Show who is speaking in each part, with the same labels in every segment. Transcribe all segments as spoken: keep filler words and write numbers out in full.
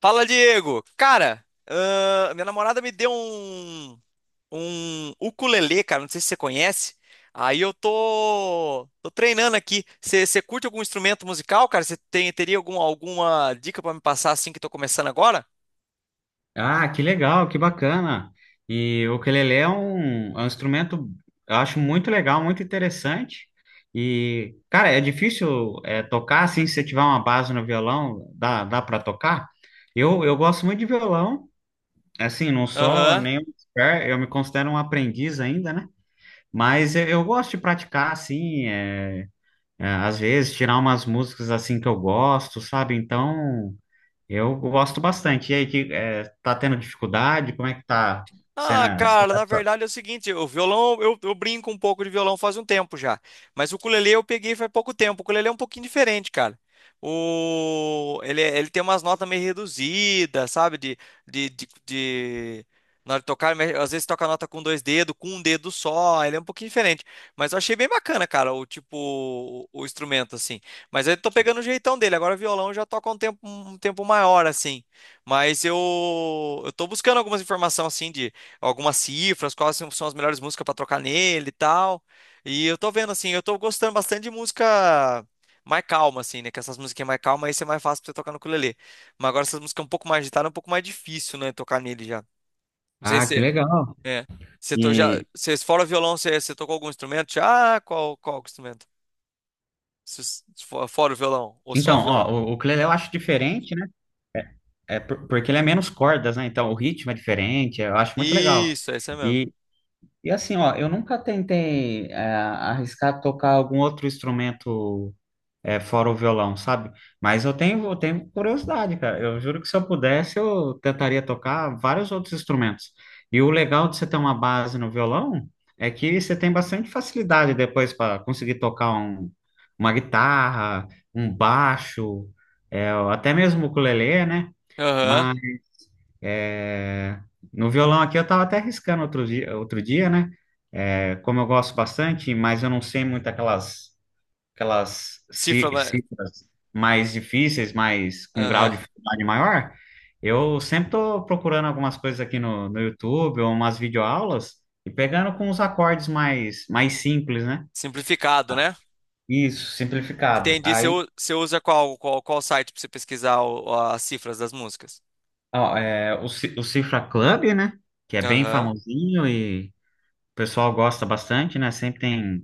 Speaker 1: Fala, Diego! Cara, ahn, minha namorada me deu um, um ukulele, cara, não sei se você conhece. Aí eu tô, tô treinando aqui. Você você curte algum instrumento musical, cara? Você tem, teria algum, alguma dica pra me passar assim que tô começando agora?
Speaker 2: Ah, que legal, que bacana. E o ukulele é um, é um instrumento, eu acho muito legal, muito interessante. E, cara, é difícil é, tocar assim, se você tiver uma base no violão, dá, dá para tocar? Eu, eu gosto muito de violão, assim, não sou
Speaker 1: Aham.
Speaker 2: nenhum expert, eu me considero um aprendiz ainda, né? Mas eu, eu gosto de praticar, assim, é, é, às vezes tirar umas músicas assim que eu gosto, sabe? Então. Eu gosto bastante. E aí, que, é, tá tendo dificuldade? Como é que tá sendo?
Speaker 1: Ah,
Speaker 2: A- você
Speaker 1: cara, na
Speaker 2: tá-
Speaker 1: verdade é o seguinte, o violão, eu, eu brinco um pouco de violão faz um tempo já, mas o ukulele eu peguei faz pouco tempo, o ukulele é um pouquinho diferente, cara. O, ele, é- ele tem umas notas meio reduzidas, sabe, de, de, de, de- na hora de tocar, mas às vezes toca a nota com dois dedos, com um dedo só, ele é um pouquinho diferente, mas eu achei bem bacana, cara, o tipo, o, o instrumento, assim, mas eu tô pegando o jeitão dele, agora o violão eu já toca um tempo, um tempo maior, assim, mas eu, eu tô buscando algumas informações, assim, de algumas cifras, quais são são as melhores músicas para trocar nele e tal. E eu tô vendo assim, eu tô gostando bastante de música mais calma assim, né? Que essas musiquinhas mais calmas aí ser mais fácil pra você tocar no ukulele. Mas agora essas músicas um pouco mais agitadas, é um pouco mais difícil, né, tocar nele já. Não sei
Speaker 2: Ah, que
Speaker 1: se
Speaker 2: legal.
Speaker 1: é. Você to, já,
Speaker 2: E
Speaker 1: você, fora o violão, você, você tocou algum instrumento? Já? Ah, Qual, qual instrumento? Se- se for- Fora o violão ou só
Speaker 2: então,
Speaker 1: o violão?
Speaker 2: ó, o, o ukulele eu acho diferente, né? É por- porque ele é menos cordas, né? Então o ritmo é diferente. Eu acho muito legal.
Speaker 1: Isso, é isso aí mesmo.
Speaker 2: E, e assim, ó, eu nunca tentei é, arriscar tocar algum outro instrumento, é, fora o violão, sabe? Mas eu tenho, eu tenho curiosidade, cara. Eu juro que se eu pudesse, eu tentaria tocar vários outros instrumentos. E o legal de você ter uma base no violão é que você tem bastante facilidade depois para conseguir tocar um- uma guitarra, um baixo, é, até mesmo o ukulele, né?
Speaker 1: Aham.
Speaker 2: Mas é, no violão aqui eu estava até arriscando outro dia, outro dia, né? É, como eu gosto bastante, mas eu não sei muito aquelas aquelas
Speaker 1: Cifra,
Speaker 2: ci-
Speaker 1: ma-
Speaker 2: cifras mais difíceis, mas com grau
Speaker 1: aham.
Speaker 2: de dificuldade maior, eu sempre estou procurando algumas coisas aqui no, no YouTube, ou umas videoaulas, e pegando com os acordes mais, mais simples, né?
Speaker 1: Simplificado, né?
Speaker 2: Isso, simplificado.
Speaker 1: Entendi. Você,
Speaker 2: Aí,
Speaker 1: u- você usa qual, qual, qual site para você pesquisar o- as cifras das músicas?
Speaker 2: ó, é, o, Ci- o Cifra Club, né? Que é bem
Speaker 1: Aham.
Speaker 2: famosinho e o pessoal gosta bastante, né? Sempre tem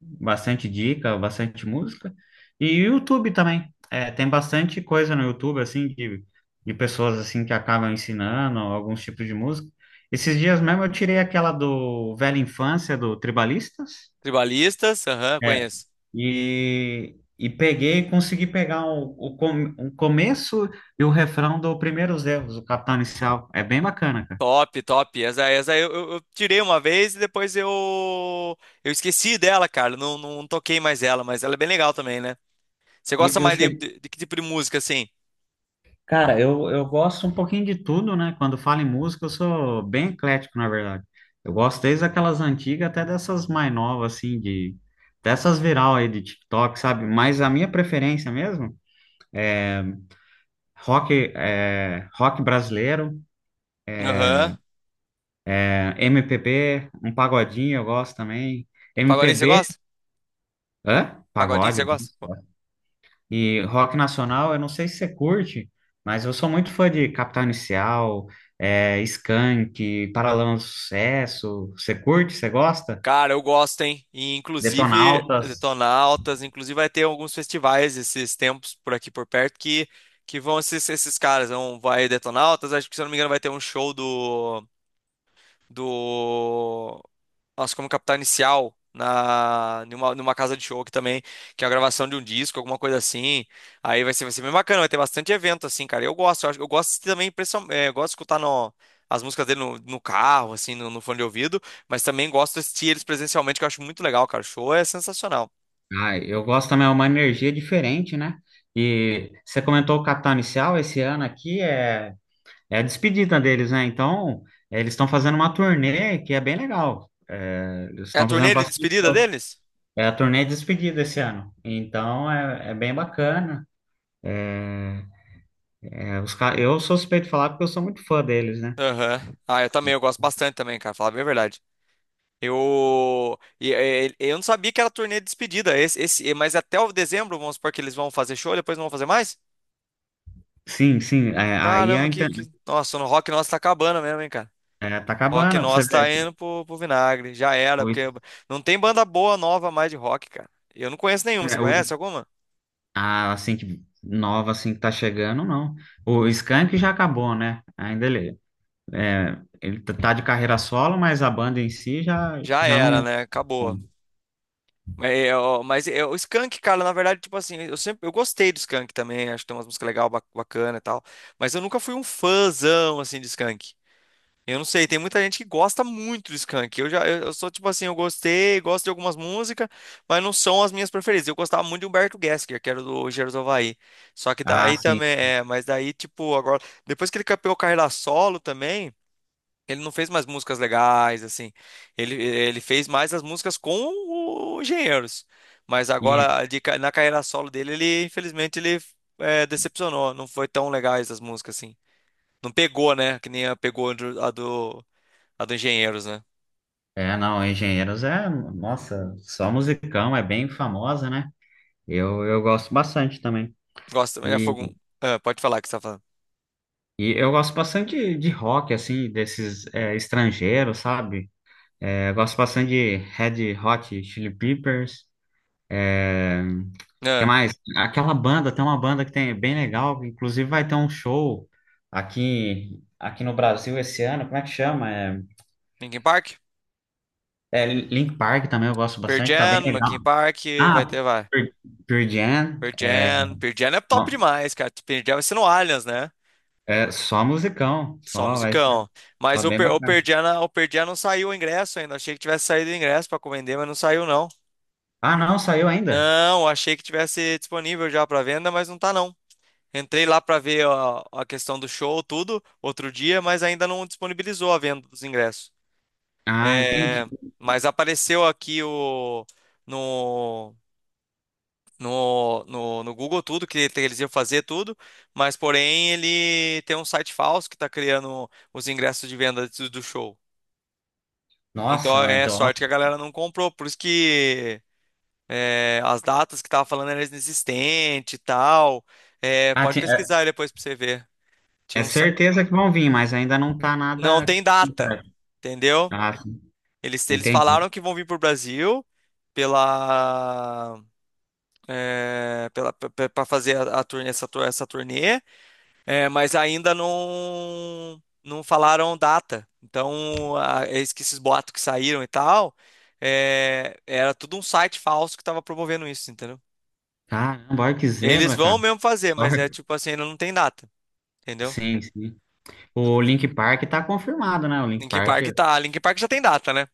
Speaker 2: bastante dica, bastante música. E YouTube também. É, tem bastante coisa no YouTube, assim, de, de pessoas, assim, que acabam ensinando alguns tipos de música. Esses dias mesmo eu tirei aquela do Velha Infância, do Tribalistas,
Speaker 1: Tribalistas? Aham,
Speaker 2: é,
Speaker 1: conheço.
Speaker 2: e, e peguei, e consegui pegar o, o, com- o começo e o refrão do Primeiros Erros, o Capital Inicial. É bem bacana, cara.
Speaker 1: Top, top. Essa, essa eu, eu- eu tirei uma vez e depois eu, eu esqueci dela, cara. Não, não toquei mais ela, mas ela é bem legal também, né? Você
Speaker 2: E,
Speaker 1: gosta
Speaker 2: e o
Speaker 1: mais de,
Speaker 2: se-
Speaker 1: de, de que tipo de música, assim?
Speaker 2: Cara, eu, eu gosto um pouquinho de tudo, né? Quando falo em música, eu sou bem eclético, na verdade. Eu gosto desde aquelas antigas até dessas mais novas, assim, de... Dessas viral aí de TikTok, sabe? Mas a minha preferência mesmo, rock, é, rock brasileiro,
Speaker 1: Aham.
Speaker 2: é, M P B, um pagodinho eu gosto também.
Speaker 1: Pagodinho você
Speaker 2: M P B,
Speaker 1: gosta?
Speaker 2: hã?
Speaker 1: Pagodinho
Speaker 2: Pagode,
Speaker 1: você
Speaker 2: eu
Speaker 1: gosta?
Speaker 2: gosto. E rock nacional, eu não sei se você curte, mas eu sou muito fã de Capital Inicial, é, Skank, Paralamas do Sucesso. Você curte? Você gosta?
Speaker 1: Cara, eu gosto, hein? E, inclusive,
Speaker 2: Detonautas.
Speaker 1: Detonautas, inclusive vai ter alguns festivais esses tempos por aqui por perto que, que vão ser esses, esses caras. Vão, vai Detonautas, acho que se eu não me engano vai ter um show do, do nossa, como Capital Inicial na numa, numa casa de show que também, que é a gravação de um disco, alguma coisa assim. Aí vai ser, vai ser bem bacana, vai ter bastante evento assim, cara. Eu gosto, eu, acho- eu gosto também, principal- é, eu gosto de escutar no- as músicas dele no, no carro, assim, no, no fone de ouvido, mas também gosto de assistir eles presencialmente, que eu acho muito legal, cara. O show é sensacional.
Speaker 2: Ah, eu gosto também, é uma energia diferente, né? E você comentou o Capital Inicial, esse ano aqui é, é a despedida deles, né? Então, eles estão fazendo uma turnê que é bem legal. É, eles
Speaker 1: É a
Speaker 2: estão fazendo
Speaker 1: turnê de
Speaker 2: bastante
Speaker 1: despedida
Speaker 2: show.
Speaker 1: deles?
Speaker 2: É a turnê de despedida esse ano. Então, é é bem bacana. É, os ca- eu sou suspeito de falar porque eu sou muito fã deles, né?
Speaker 1: Aham. Ah, eu também, eu gosto bastante também, cara, falar bem a verdade. Eu, e- e- eu não sabia que era turnê de despedida. Esse, esse, mas até o dezembro, vamos supor que eles vão fazer show, depois não vão fazer mais?
Speaker 2: Sim, sim. é, aí a
Speaker 1: Caramba, que,
Speaker 2: inter-
Speaker 1: que... nossa, no rock nosso tá acabando mesmo, hein, cara?
Speaker 2: é, tá
Speaker 1: Rock
Speaker 2: acabando, você
Speaker 1: nosso
Speaker 2: vê
Speaker 1: tá indo pro, pro vinagre. Já era,
Speaker 2: o,
Speaker 1: porque não tem banda boa nova mais de rock, cara. Eu não conheço nenhuma. Você
Speaker 2: é, o-
Speaker 1: conhece alguma?
Speaker 2: a, assim, que nova assim que tá chegando, não. O Skank já acabou, né? Ainda ele, é, ele tá tá de carreira solo, mas a banda em si já,
Speaker 1: Já
Speaker 2: já
Speaker 1: era,
Speaker 2: não.
Speaker 1: né? Acabou. Mas, eu- mas eu- o Skank, cara, na verdade, tipo assim, eu sempre eu gostei do Skank também. Acho que tem umas músicas legais, bacana e tal. Mas eu nunca fui um fãzão, assim, de Skank. Eu não sei, tem muita gente que gosta muito do Skank. Eu já, eu, eu sou tipo assim, eu gostei, gosto de algumas músicas, mas não são as minhas preferidas. Eu gostava muito de Humberto Gessinger, que era do Engenheiros do Havaí. Só que
Speaker 2: Ah,
Speaker 1: daí
Speaker 2: sim.
Speaker 1: também, é, mas daí tipo, agora, depois que ele campeou carreira solo também, ele não fez mais músicas legais, assim. Ele, ele fez mais as músicas com o Engenheiros. Mas
Speaker 2: E,
Speaker 1: agora, de ca- na carreira solo dele, ele, infelizmente, ele é, decepcionou. Não foi tão legais as músicas, assim. Não pegou, né? Que nem a pegou a do a do Engenheiros, né?
Speaker 2: é, não, Engenheiros é, nossa, só musicão, é bem famosa, né? Eu, eu gosto bastante também.
Speaker 1: Gosto também da
Speaker 2: E
Speaker 1: Fogo. Ah, pode falar o que você tá falando.
Speaker 2: E eu gosto bastante de, de rock, assim, desses é, estrangeiros, sabe? É, eu gosto bastante de Red Hot Chili Peppers. É, que
Speaker 1: Ah,
Speaker 2: mais? Aquela banda, tem uma banda que tem é bem legal, inclusive vai ter um show aqui, aqui no Brasil esse ano. Como é que chama? É,
Speaker 1: Linkin Park?
Speaker 2: é Linkin Park também eu gosto
Speaker 1: Pearl
Speaker 2: bastante, tá bem
Speaker 1: Jam,
Speaker 2: legal.
Speaker 1: Linkin Park, vai
Speaker 2: Ah,
Speaker 1: ter, vai.
Speaker 2: Pearl Pearl Jam.
Speaker 1: Pearl Jam, Pearl Jam é top
Speaker 2: Ó,
Speaker 1: demais, cara. Pearl Jam vai ser no Allianz, né?
Speaker 2: é só musicão,
Speaker 1: Só
Speaker 2: só vai ser,
Speaker 1: musicão.
Speaker 2: só
Speaker 1: Mas o,
Speaker 2: bem
Speaker 1: Per- o
Speaker 2: bacana.
Speaker 1: Pearl Jam, o Pearl Jam não saiu o ingresso ainda. Achei que tivesse saído o ingresso pra vender, mas não saiu, não.
Speaker 2: Ah, não, saiu ainda?
Speaker 1: Não, achei que tivesse disponível já pra venda, mas não tá, não. Entrei lá pra ver a, a questão do show, tudo, outro dia, mas ainda não disponibilizou a venda dos ingressos.
Speaker 2: Ah, entendi.
Speaker 1: É, mas apareceu aqui o no, no, no, no Google tudo que te- eles iam fazer tudo, mas porém ele tem um site falso que está criando os ingressos de venda do do show.
Speaker 2: Nossa,
Speaker 1: Então
Speaker 2: mas
Speaker 1: é
Speaker 2: então.
Speaker 1: sorte que a galera não comprou, por isso que é, as datas que tava falando eram inexistentes e tal. É,
Speaker 2: Ah,
Speaker 1: pode
Speaker 2: ti- é,
Speaker 1: pesquisar aí depois para você ver. Tinha
Speaker 2: é
Speaker 1: um, sa-
Speaker 2: certeza que vão vir, mas ainda não tá
Speaker 1: não
Speaker 2: nada.
Speaker 1: tem data, entendeu?
Speaker 2: Ah, sim,
Speaker 1: Eles, eles
Speaker 2: entendi.
Speaker 1: falaram que vão vir pro Brasil pela é, para fazer a, a turnê, essa, tur- essa turnê, é, mas ainda não não falaram data. Então, a, eis que esses boatos que saíram e tal, é, era tudo um site falso que estava promovendo isso, entendeu?
Speaker 2: Caramba, olha que
Speaker 1: Eles
Speaker 2: zebra,
Speaker 1: vão
Speaker 2: cara.
Speaker 1: mesmo fazer, mas é
Speaker 2: Sorte.
Speaker 1: tipo assim, ainda não tem data, entendeu?
Speaker 2: Sim, sim. O Link Park tá confirmado, né? O Link
Speaker 1: Linkin
Speaker 2: Park
Speaker 1: Park tá, Linkin Park já tem data, né?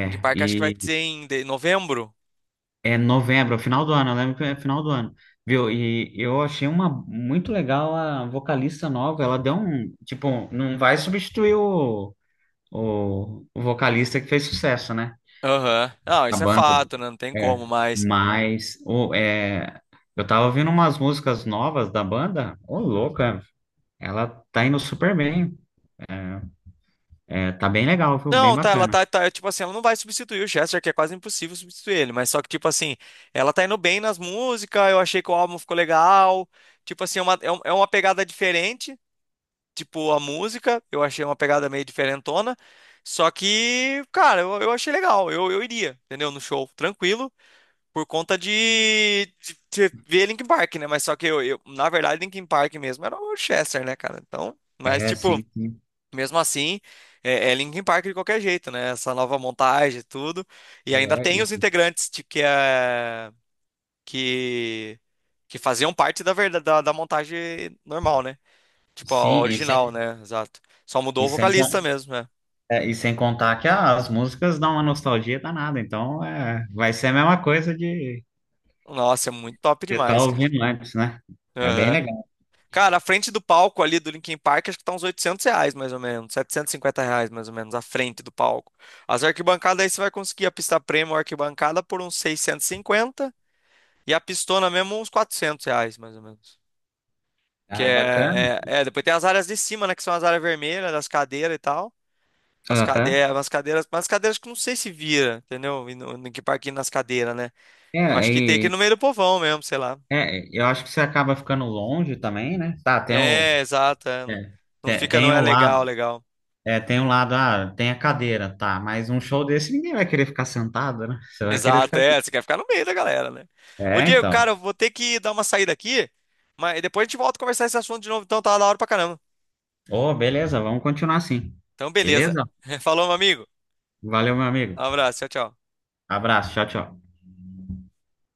Speaker 1: Linkin Park acho que vai ser
Speaker 2: E
Speaker 1: em de- novembro.
Speaker 2: é novembro, é final do ano, eu lembro que é final do ano. Viu? E eu achei uma muito legal a vocalista nova. Ela deu um. Tipo, não vai substituir o, o, o vocalista que fez sucesso, né?
Speaker 1: Aham. Não,
Speaker 2: A
Speaker 1: isso é
Speaker 2: banda.
Speaker 1: fato, né? Não tem como,
Speaker 2: É,
Speaker 1: mas
Speaker 2: mas ô, é, eu tava ouvindo umas músicas novas da banda, ô louca, ela tá indo super bem, é, tá bem legal, viu? Bem
Speaker 1: não, tá, ela
Speaker 2: bacana.
Speaker 1: tá, tá, tipo assim, ela não vai substituir o Chester, que é quase impossível substituir ele, mas só que, tipo assim, ela tá indo bem nas músicas, eu achei que o álbum ficou legal, tipo assim, é uma, é um- é uma pegada diferente, tipo, a música, eu achei uma pegada meio diferentona, só que, cara, eu, eu achei legal, eu, eu iria, entendeu, no show, tranquilo, por conta de, de, de ver Linkin Park, né, mas só que eu, eu, na verdade, Linkin Park mesmo era o Chester, né, cara, então, mas,
Speaker 2: É,
Speaker 1: tipo,
Speaker 2: sim, sim.
Speaker 1: mesmo assim, é, é Linkin Park de qualquer jeito, né? Essa nova montagem e tudo. E ainda
Speaker 2: É,
Speaker 1: tem os
Speaker 2: e,
Speaker 1: integrantes de, que, é, que, que faziam parte da, verda- da, da montagem normal, né? Tipo, a
Speaker 2: sim, e sem,
Speaker 1: original, né? Exato. Só
Speaker 2: e,
Speaker 1: mudou o
Speaker 2: sem,
Speaker 1: vocalista
Speaker 2: con-
Speaker 1: mesmo, né?
Speaker 2: é, e sem contar que as músicas dão uma nostalgia danada, então é, vai ser a mesma coisa de
Speaker 1: Nossa, é muito top
Speaker 2: estar
Speaker 1: demais, cara.
Speaker 2: ouvindo antes, né? É bem
Speaker 1: Aham.
Speaker 2: legal,
Speaker 1: Cara, a frente do palco ali do Linkin Park, acho que tá uns oitocentos reais, mais ou menos. Setecentos e cinquenta reais, mais ou menos, a frente do palco. As arquibancadas aí você vai conseguir a pista premium, arquibancada por uns seiscentos e cinquenta. E a pistona mesmo, uns quatrocentos reais, mais ou menos. Que
Speaker 2: é bacana.
Speaker 1: é, é, é, depois tem as áreas de cima, né? Que são as áreas vermelhas, das cadeiras e tal. As
Speaker 2: Aham.
Speaker 1: cadeiras, as cadeiras, mas as cadeiras que eu não sei se vira, entendeu? E no, no, que parquinho nas cadeiras, né?
Speaker 2: É,
Speaker 1: Eu acho que tem que ir
Speaker 2: e
Speaker 1: no meio do povão mesmo, sei lá.
Speaker 2: é, eu acho que você acaba ficando longe também, né? Tá, tem o,
Speaker 1: É, exato. é, não,
Speaker 2: é,
Speaker 1: não
Speaker 2: te-
Speaker 1: fica, não
Speaker 2: tem
Speaker 1: é
Speaker 2: o
Speaker 1: legal,
Speaker 2: lado.
Speaker 1: legal.
Speaker 2: É, tem um lado, ah, tem a cadeira, tá, mas um show desse ninguém vai querer ficar sentado, né? Você vai querer
Speaker 1: Exato,
Speaker 2: ficar. de-
Speaker 1: é. Você quer ficar no meio da galera, né? Ô,
Speaker 2: É,
Speaker 1: Diego,
Speaker 2: então.
Speaker 1: cara, eu vou ter que dar uma saída aqui, mas depois a gente volta a conversar esse assunto de novo, então tá da hora pra caramba.
Speaker 2: Ô, beleza, vamos continuar assim.
Speaker 1: Então, beleza.
Speaker 2: Beleza?
Speaker 1: Falou, meu amigo.
Speaker 2: Valeu, meu amigo.
Speaker 1: Um abraço, tchau, tchau.
Speaker 2: Abraço, tchau, tchau.